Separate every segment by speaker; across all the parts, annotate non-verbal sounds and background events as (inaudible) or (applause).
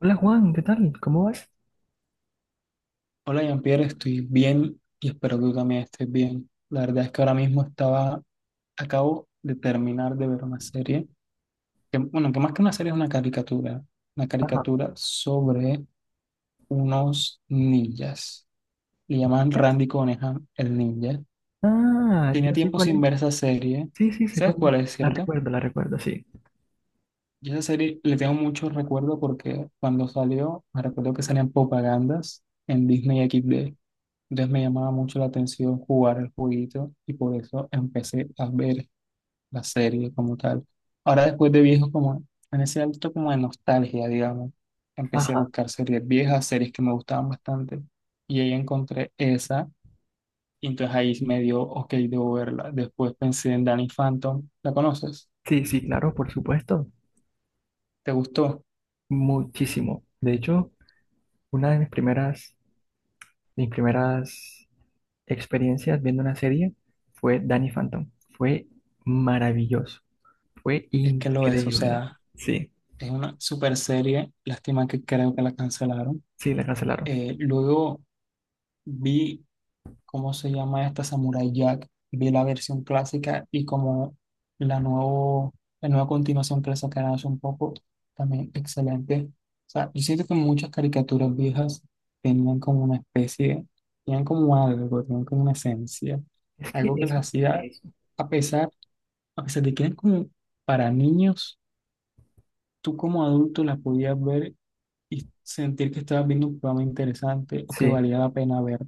Speaker 1: Hola Juan, ¿qué tal? ¿Cómo vas?
Speaker 2: Hola Jean-Pierre, estoy bien y espero que tú también estés bien. La verdad es que ahora mismo estaba, acabo de terminar de ver una serie, que, bueno, que más que una serie es una
Speaker 1: Ajá.
Speaker 2: caricatura sobre unos ninjas. Le llaman
Speaker 1: ¿Ya?
Speaker 2: Randy Conejan el ninja.
Speaker 1: Ah,
Speaker 2: Tenía
Speaker 1: ya sé
Speaker 2: tiempo
Speaker 1: cuál
Speaker 2: sin
Speaker 1: es.
Speaker 2: ver esa serie.
Speaker 1: Sí, sí, sé
Speaker 2: ¿Sabes
Speaker 1: cuál es.
Speaker 2: cuál es, cierto?
Speaker 1: La recuerdo, sí.
Speaker 2: Yo esa serie le tengo mucho recuerdo porque cuando salió, me recuerdo que salían propagandas en Disney XD. Entonces me llamaba mucho la atención jugar el jueguito y por eso empecé a ver la serie como tal. Ahora después de viejo, como en ese alto como de nostalgia, digamos, empecé a
Speaker 1: Ajá.
Speaker 2: buscar series viejas, series que me gustaban bastante y ahí encontré esa y entonces ahí me dio, ok, debo verla. Después pensé en Danny Phantom, ¿la conoces?
Speaker 1: Sí, sí, claro, por supuesto.
Speaker 2: ¿Te gustó?
Speaker 1: Muchísimo. De hecho, una de mis primeras experiencias viendo una serie fue Danny Phantom. Fue maravilloso. Fue
Speaker 2: Es que lo es, o
Speaker 1: increíble.
Speaker 2: sea,
Speaker 1: Sí,
Speaker 2: es una super serie, lástima que creo que la cancelaron.
Speaker 1: sí, la cancelaron.
Speaker 2: Luego vi, ¿cómo se llama esta? Samurai Jack. Vi la versión clásica y como la, nuevo, la nueva continuación que le sacaron hace un poco, también excelente. O sea, yo siento que muchas caricaturas viejas tenían como una especie, tenían como algo, tenían como una esencia,
Speaker 1: Es que
Speaker 2: algo que las
Speaker 1: eso,
Speaker 2: hacía,
Speaker 1: eso.
Speaker 2: a pesar, a pesar de que eran como para niños, tú como adulto las podías ver y sentir que estabas viendo un programa interesante o que
Speaker 1: Sí,
Speaker 2: valía la pena ver.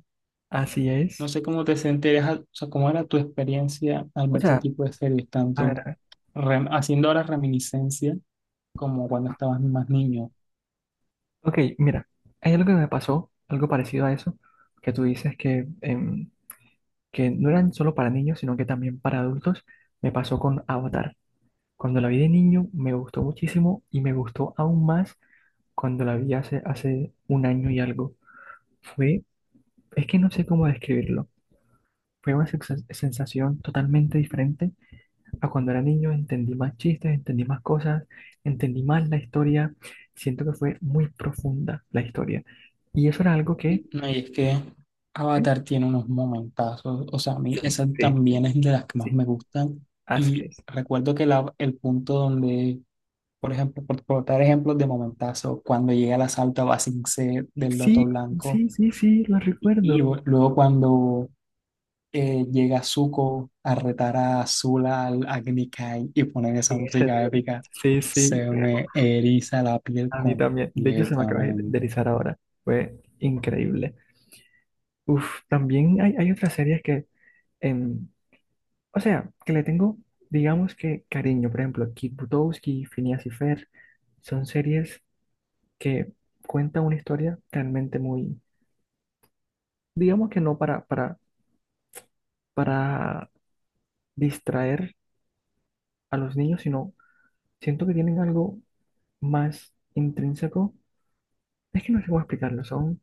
Speaker 1: así
Speaker 2: No
Speaker 1: es.
Speaker 2: sé cómo te sentías, o sea, cómo era tu experiencia al
Speaker 1: O
Speaker 2: ver ese
Speaker 1: sea,
Speaker 2: tipo de series,
Speaker 1: a
Speaker 2: tanto
Speaker 1: ver.
Speaker 2: haciendo ahora reminiscencia como cuando estabas más niño.
Speaker 1: Ok, mira, hay algo que me pasó, algo parecido a eso, que tú dices que no eran solo para niños, sino que también para adultos. Me pasó con Avatar. Cuando la vi de niño me gustó muchísimo y me gustó aún más cuando la vi hace un año y algo. Fue, es que no sé cómo describirlo. Fue una sensación totalmente diferente a cuando era niño. Entendí más chistes, entendí más cosas, entendí más la historia. Siento que fue muy profunda la historia. Y eso era algo que...
Speaker 2: No, y es que Avatar tiene unos momentazos, o sea, a mí
Speaker 1: Sí,
Speaker 2: esa
Speaker 1: sí, sí,
Speaker 2: también es de las que más
Speaker 1: sí,
Speaker 2: me gustan.
Speaker 1: así
Speaker 2: Y
Speaker 1: es.
Speaker 2: recuerdo que el punto donde, por ejemplo, por dar ejemplos de momentazo, cuando llega el asalto a Ba Sing Se del Loto
Speaker 1: Sí,
Speaker 2: Blanco,
Speaker 1: sí, sí, sí, lo recuerdo.
Speaker 2: luego cuando llega Zuko a retar a Azula al Agni Kai y ponen esa
Speaker 1: En ese
Speaker 2: música
Speaker 1: duelo.
Speaker 2: épica,
Speaker 1: Sí, sí,
Speaker 2: se me eriza la piel
Speaker 1: a mí también. De hecho, se me acaba de
Speaker 2: completamente.
Speaker 1: erizar ahora. Fue increíble. Uf, también hay otras series que, em, o sea, que le tengo, digamos que cariño. Por ejemplo, Kid Butowski, Phineas y Fer, son series que cuentan una historia realmente muy, digamos que no para distraer a los niños, sino siento que tienen algo más intrínseco. Es que no sé cómo explicarlo, son...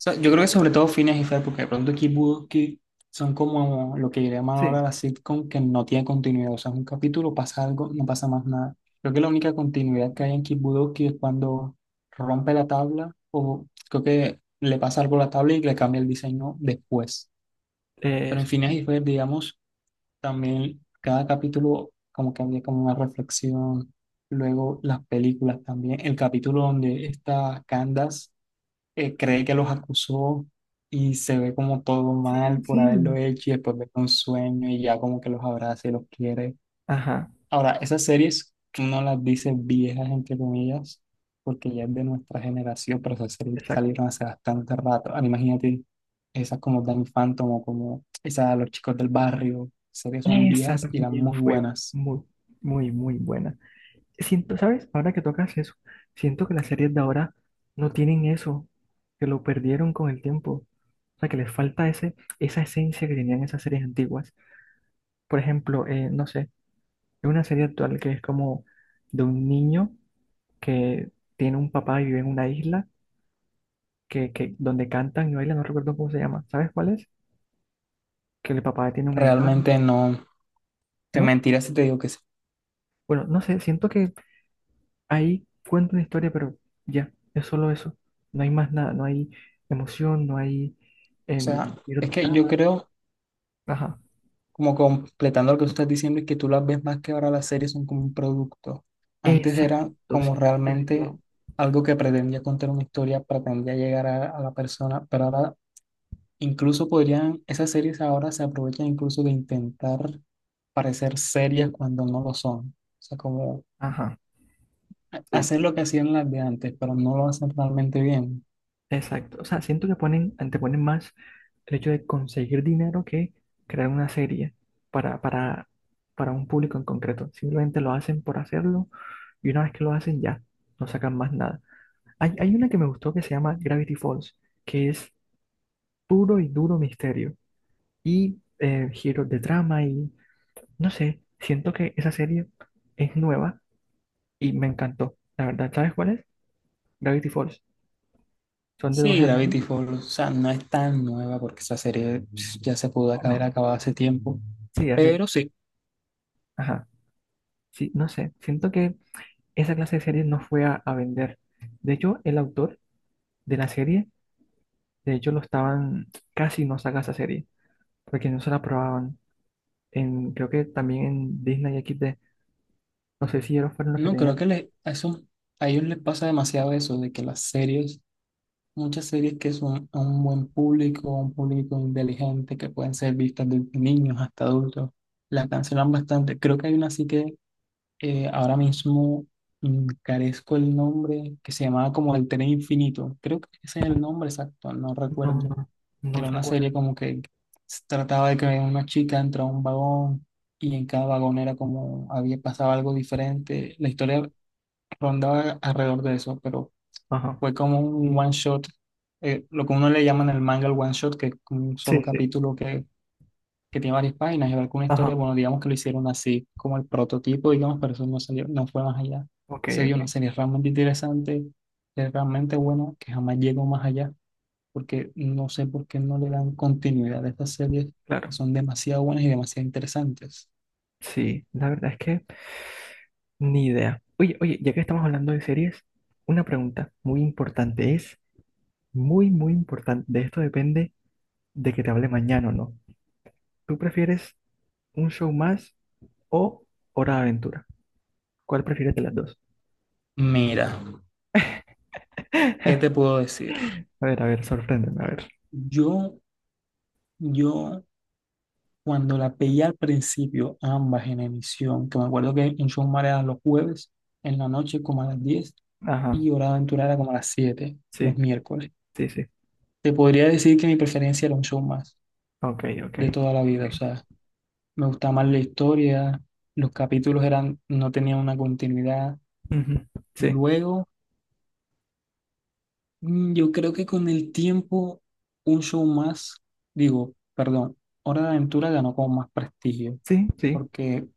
Speaker 2: O sea, yo creo que sobre todo Phineas y Ferb, porque de pronto Kid Bucky son como lo que llaman ahora
Speaker 1: Sí,
Speaker 2: la sitcom que no tiene continuidad. O sea, es un capítulo, pasa algo, no pasa más nada. Creo que la única continuidad que hay en Kid Bucky es cuando rompe la tabla, o creo que le pasa algo a la tabla y le cambia el diseño después. Pero en
Speaker 1: eso.
Speaker 2: Phineas y Ferb, digamos. También cada capítulo como que había como una reflexión. Luego las películas también. El capítulo donde esta Candace cree que los acusó y se ve como todo mal
Speaker 1: Sí,
Speaker 2: por haberlo
Speaker 1: sí.
Speaker 2: hecho y después ve un sueño y ya como que los abraza y los quiere.
Speaker 1: Ajá,
Speaker 2: Ahora, esas series tú no las dices viejas, entre comillas, porque ya es de nuestra generación, pero esas series ya
Speaker 1: exacto.
Speaker 2: salieron hace bastante rato. Ahora, imagínate esas como Danny Phantom o como esas Los Chicos del Barrio. Series son
Speaker 1: Esa
Speaker 2: viejas y eran
Speaker 1: también
Speaker 2: muy
Speaker 1: fue
Speaker 2: buenas.
Speaker 1: muy, muy, muy buena. Siento, ¿sabes? Ahora que tocas eso, siento que las series de ahora no tienen eso, que lo perdieron con el tiempo. O sea, que les falta esa esencia que tenían esas series antiguas. Por ejemplo, no sé, hay una serie actual que es como de un niño que tiene un papá y vive en una isla que donde cantan y bailan, no recuerdo cómo se llama. ¿Sabes cuál es? Que el papá tiene una guitarra,
Speaker 2: Realmente no te
Speaker 1: ¿no?
Speaker 2: mentiras si te digo que sí.
Speaker 1: Bueno, no sé, siento que ahí cuenta una historia, pero ya, es solo eso. No hay más nada, no hay emoción, no hay
Speaker 2: O sea,
Speaker 1: giros
Speaker 2: es
Speaker 1: de
Speaker 2: que yo
Speaker 1: trama.
Speaker 2: creo,
Speaker 1: Ajá.
Speaker 2: como completando lo que tú estás diciendo, es que tú las ves más que ahora las series son como un producto. Antes era
Speaker 1: Exacto,
Speaker 2: como
Speaker 1: sí, diste en el
Speaker 2: realmente
Speaker 1: clavo.
Speaker 2: algo que pretendía contar una historia, pretendía llegar a la persona, pero ahora incluso podrían, esas series ahora se aprovechan incluso de intentar parecer serias cuando no lo son. O sea, como
Speaker 1: Ajá. Sí.
Speaker 2: hacer lo que hacían las de antes, pero no lo hacen realmente bien.
Speaker 1: Exacto, o sea, siento que anteponen más el hecho de conseguir dinero que crear una serie para, para, para un público en concreto. Simplemente lo hacen por hacerlo y una vez que lo hacen ya, no sacan más nada. Hay una que me gustó que se llama Gravity Falls, que es puro y duro misterio y giros de trama y no sé, siento que esa serie es nueva y me encantó. La verdad, ¿sabes cuál es? Gravity Falls. Son de dos
Speaker 2: Sí,
Speaker 1: gemelos.
Speaker 2: Gravity Falls, o sea, no es tan nueva porque esa serie pss, ya se pudo haber
Speaker 1: Bueno,
Speaker 2: acabado hace tiempo.
Speaker 1: sí, hacen...
Speaker 2: Pero sí,
Speaker 1: Ajá. Sí, no sé, siento que esa clase de series no fue a vender. De hecho, el autor de la serie, de hecho, lo estaban, casi no saca esa serie, porque no se la probaban. En, creo que también en Disney X XD, no sé si ellos fueron los que
Speaker 2: no, creo
Speaker 1: tenían.
Speaker 2: que a ellos les pasa demasiado eso, de que las series, muchas series que son a un buen público, a un público inteligente, que pueden ser vistas desde niños hasta adultos, las cancelan bastante. Creo que hay una así que ahora mismo carezco el nombre, que se llamaba como El Tren Infinito. Creo que ese es el nombre exacto, no
Speaker 1: No,
Speaker 2: recuerdo.
Speaker 1: no,
Speaker 2: Que
Speaker 1: no
Speaker 2: era
Speaker 1: se
Speaker 2: una
Speaker 1: acuerda.
Speaker 2: serie como que se trataba de que una chica entra a un vagón y en cada vagón era como había pasado algo diferente. La historia rondaba alrededor de eso, pero
Speaker 1: Ajá,
Speaker 2: fue como un one shot, lo que uno le llama en el manga el one shot, que es como un solo
Speaker 1: sí, sí,
Speaker 2: capítulo que tiene varias páginas y alguna historia,
Speaker 1: ajá,
Speaker 2: bueno, digamos que lo hicieron así, como el prototipo, digamos, pero eso no salió, no fue más allá.
Speaker 1: ok,
Speaker 2: Sería
Speaker 1: ok,
Speaker 2: una serie realmente interesante, es realmente buena, que jamás llegó más allá, porque no sé por qué no le dan continuidad a estas series
Speaker 1: claro.
Speaker 2: que son demasiado buenas y demasiado interesantes.
Speaker 1: Sí, la verdad es que ni idea. Oye, oye, ya que estamos hablando de series, una pregunta muy importante es, muy, muy importante, de esto depende de que te hable mañana o no. ¿Tú prefieres un show más o Hora de Aventura? ¿Cuál prefieres de las dos?
Speaker 2: Mira, ¿qué te puedo decir?
Speaker 1: A ver, sorpréndeme, a ver.
Speaker 2: Yo, yo cuando la veía al principio, ambas en emisión, que me acuerdo que en Showmare era los jueves, en la noche como a las 10
Speaker 1: Ajá,
Speaker 2: y Hora de Aventura era como a las 7 los
Speaker 1: sí,
Speaker 2: miércoles.
Speaker 1: sí, sí.
Speaker 2: Te podría decir que mi preferencia era un show más
Speaker 1: Ok, ok.
Speaker 2: de toda la
Speaker 1: Ok.
Speaker 2: vida, o sea, me gustaba más la historia, los capítulos eran, no tenían una continuidad.
Speaker 1: Ujú, sí,
Speaker 2: Luego, yo creo que con el tiempo, un show más, digo, perdón, Hora de Aventura ganó como más prestigio,
Speaker 1: sí, sí.
Speaker 2: porque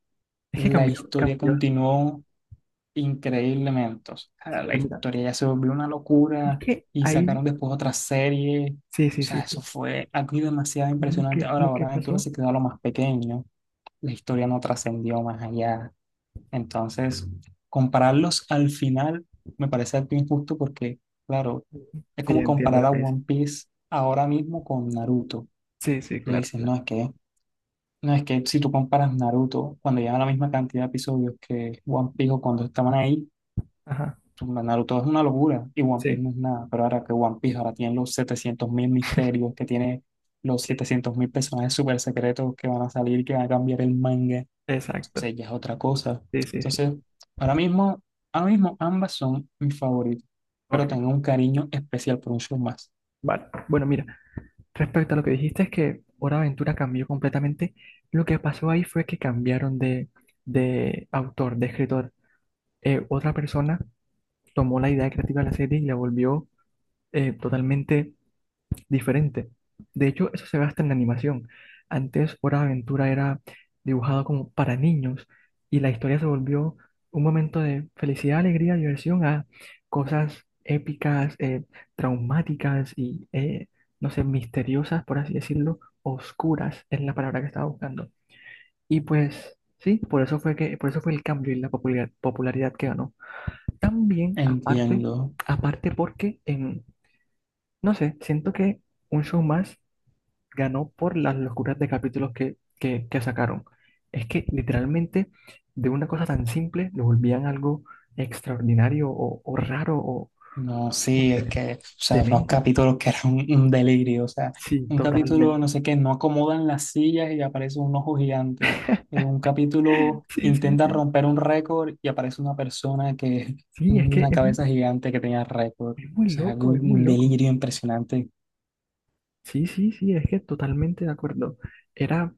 Speaker 1: Es que
Speaker 2: la
Speaker 1: cambió,
Speaker 2: historia
Speaker 1: cambió.
Speaker 2: continuó increíblemente. O
Speaker 1: Sí,
Speaker 2: sea, la
Speaker 1: mira, mira.
Speaker 2: historia ya se volvió una
Speaker 1: Es
Speaker 2: locura
Speaker 1: que
Speaker 2: y
Speaker 1: ahí,
Speaker 2: sacaron después otra serie.
Speaker 1: sí,
Speaker 2: O
Speaker 1: sí, sí,
Speaker 2: sea, eso
Speaker 1: sí.
Speaker 2: fue algo demasiado
Speaker 1: Lo
Speaker 2: impresionante.
Speaker 1: que,
Speaker 2: Ahora,
Speaker 1: lo que
Speaker 2: ahora Aventura
Speaker 1: pasó.
Speaker 2: se quedó a lo más pequeño. La historia no trascendió más allá. Entonces, compararlos al final me parece algo injusto porque, claro,
Speaker 1: Ujú.
Speaker 2: es
Speaker 1: Sí,
Speaker 2: como
Speaker 1: entiendo
Speaker 2: comparar
Speaker 1: lo
Speaker 2: a
Speaker 1: que dice.
Speaker 2: One Piece ahora mismo con Naruto.
Speaker 1: Sí, sí,
Speaker 2: Tú
Speaker 1: claro,
Speaker 2: dices,
Speaker 1: claro.
Speaker 2: no, es que, no, es que si tú comparas Naruto cuando llevan la misma cantidad de episodios que One Piece o cuando estaban ahí,
Speaker 1: Ajá,
Speaker 2: Naruto es una locura y One Piece no
Speaker 1: sí,
Speaker 2: es nada, pero ahora que One Piece ahora tiene los 700 mil misterios, que tiene los
Speaker 1: sí,
Speaker 2: setecientos mil personajes súper secretos que van a salir, que van a cambiar el manga,
Speaker 1: exacto.
Speaker 2: entonces ya es otra cosa.
Speaker 1: Sí, sí, sí.
Speaker 2: Entonces, ahora mismo, ahora mismo ambas son mis favoritos,
Speaker 1: Ok,
Speaker 2: pero tengo un cariño especial por un show más.
Speaker 1: vale. Bueno, mira. Respecto a lo que dijiste, es que Hora de Aventura cambió completamente. Lo que pasó ahí fue que cambiaron de autor, de escritor. Otra persona tomó la idea creativa de la serie y la volvió totalmente diferente. De hecho, eso se ve hasta en la animación. Antes, Hora de Aventura era dibujado como para niños y la historia se volvió un momento de felicidad, alegría, diversión a cosas épicas, traumáticas y, no sé, misteriosas, por así decirlo, oscuras es la palabra que estaba buscando. Y pues sí, por eso fue el cambio y la popularidad que ganó. También, aparte,
Speaker 2: Entiendo.
Speaker 1: aparte porque, no sé, siento que un show más ganó por las locuras de capítulos que sacaron. Es que literalmente de una cosa tan simple lo volvían algo extraordinario o raro o
Speaker 2: No,
Speaker 1: no,
Speaker 2: sí, es que, o sea, unos
Speaker 1: demente.
Speaker 2: capítulos que eran un delirio, o sea,
Speaker 1: Sí,
Speaker 2: un capítulo,
Speaker 1: totalmente.
Speaker 2: no sé qué, no acomodan las sillas y aparece un ojo gigante. En un capítulo
Speaker 1: Sí, sí,
Speaker 2: intenta
Speaker 1: sí.
Speaker 2: romper un récord y aparece una persona que,
Speaker 1: Sí, es que
Speaker 2: una cabeza gigante que tenía récord. O
Speaker 1: es muy
Speaker 2: sea, algo,
Speaker 1: loco, es muy
Speaker 2: un
Speaker 1: loco.
Speaker 2: delirio impresionante.
Speaker 1: Sí, sí, sí, es que totalmente de acuerdo. Era,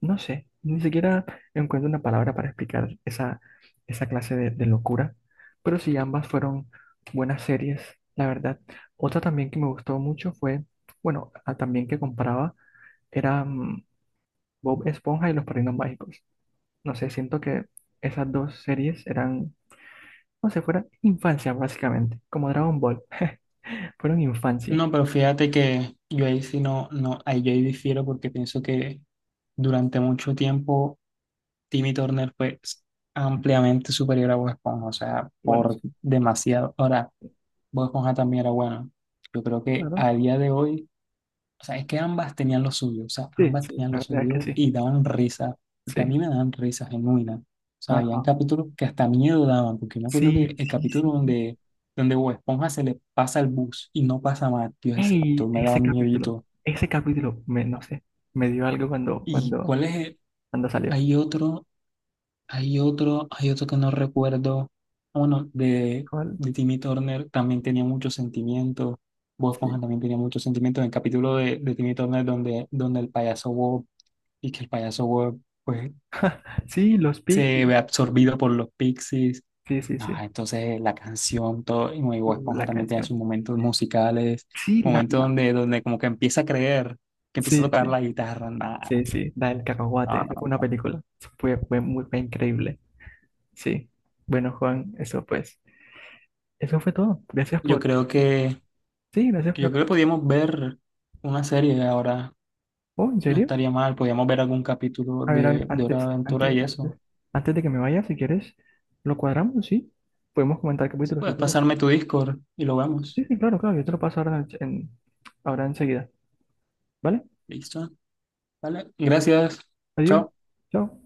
Speaker 1: no sé, ni siquiera encuentro una palabra para explicar esa clase de locura, pero sí, ambas fueron buenas series, la verdad. Otra también que me gustó mucho bueno, también que comparaba, era Bob Esponja y Los Padrinos Mágicos. No sé, siento que esas dos series eran, no sé, fuera infancia básicamente, como Dragon Ball, (laughs) fueron infancia.
Speaker 2: No, pero fíjate que yo ahí sí no, no, ahí yo ahí difiero porque pienso que durante mucho tiempo Timmy Turner fue ampliamente superior a Bob Esponja, o sea,
Speaker 1: Bueno,
Speaker 2: por
Speaker 1: sí,
Speaker 2: demasiado. Ahora, Bob Esponja también era buena. Yo creo que
Speaker 1: claro,
Speaker 2: a día de hoy, o sea, es que ambas tenían lo suyo, o sea,
Speaker 1: sí,
Speaker 2: ambas
Speaker 1: sí,
Speaker 2: tenían
Speaker 1: la
Speaker 2: lo
Speaker 1: verdad es que
Speaker 2: suyo
Speaker 1: sí,
Speaker 2: y daban risa, porque a
Speaker 1: sí.
Speaker 2: mí me daban risa genuina. O sea, habían
Speaker 1: Ajá.
Speaker 2: capítulos que hasta miedo daban, porque yo me acuerdo que
Speaker 1: Sí,
Speaker 2: el
Speaker 1: sí,
Speaker 2: capítulo
Speaker 1: sí.
Speaker 2: donde, donde Bob Esponja se le pasa el bus y no pasa más, tío, ese
Speaker 1: Ey,
Speaker 2: capítulo me daba
Speaker 1: ese capítulo,
Speaker 2: miedito.
Speaker 1: ese capítulo, no sé, me dio algo cuando,
Speaker 2: ¿Y
Speaker 1: cuando,
Speaker 2: cuál es
Speaker 1: cuando salió.
Speaker 2: hay otro, hay otro, hay otro que no recuerdo. Bueno,
Speaker 1: ¿Cuál?
Speaker 2: de Timmy Turner también tenía muchos sentimientos. Bob
Speaker 1: Sí.
Speaker 2: Esponja también tenía muchos sentimientos. En el capítulo de Timmy Turner donde, donde el payaso Bob, y que el payaso Bob pues
Speaker 1: (laughs) Sí, los
Speaker 2: se
Speaker 1: Picnic.
Speaker 2: ve absorbido por los pixies.
Speaker 1: Sí, sí,
Speaker 2: No,
Speaker 1: sí.
Speaker 2: entonces la canción, todo, y bueno, y Bob Esponja
Speaker 1: La
Speaker 2: también tiene
Speaker 1: canción.
Speaker 2: sus momentos musicales,
Speaker 1: Sí, la,
Speaker 2: momentos
Speaker 1: la.
Speaker 2: donde, donde como que empieza a creer, que empieza a
Speaker 1: Sí,
Speaker 2: tocar
Speaker 1: sí.
Speaker 2: la guitarra. Nah,
Speaker 1: Sí, sí. La del
Speaker 2: no,
Speaker 1: cacahuate. Esa fue una
Speaker 2: no.
Speaker 1: película. Fue increíble. Sí. Bueno, Juan, eso pues. Eso fue todo. Gracias
Speaker 2: Yo
Speaker 1: por.
Speaker 2: creo que,
Speaker 1: Sí, gracias
Speaker 2: yo creo que
Speaker 1: por.
Speaker 2: podíamos ver una serie ahora.
Speaker 1: Oh, ¿en
Speaker 2: No
Speaker 1: serio?
Speaker 2: estaría mal, podríamos ver algún capítulo
Speaker 1: A ver,
Speaker 2: de Hora de
Speaker 1: antes,
Speaker 2: Aventura y
Speaker 1: antes, antes,
Speaker 2: eso.
Speaker 1: antes de que me vaya, si quieres, lo cuadramos, ¿sí? Podemos comentar
Speaker 2: Si
Speaker 1: capítulos, si
Speaker 2: puedes
Speaker 1: quieres.
Speaker 2: pasarme tu Discord y lo
Speaker 1: Sí,
Speaker 2: vemos.
Speaker 1: sí, claro, claro, yo te lo paso ahora, ahora enseguida, ¿vale?
Speaker 2: Listo. Vale, gracias.
Speaker 1: Adiós,
Speaker 2: Chao.
Speaker 1: chao.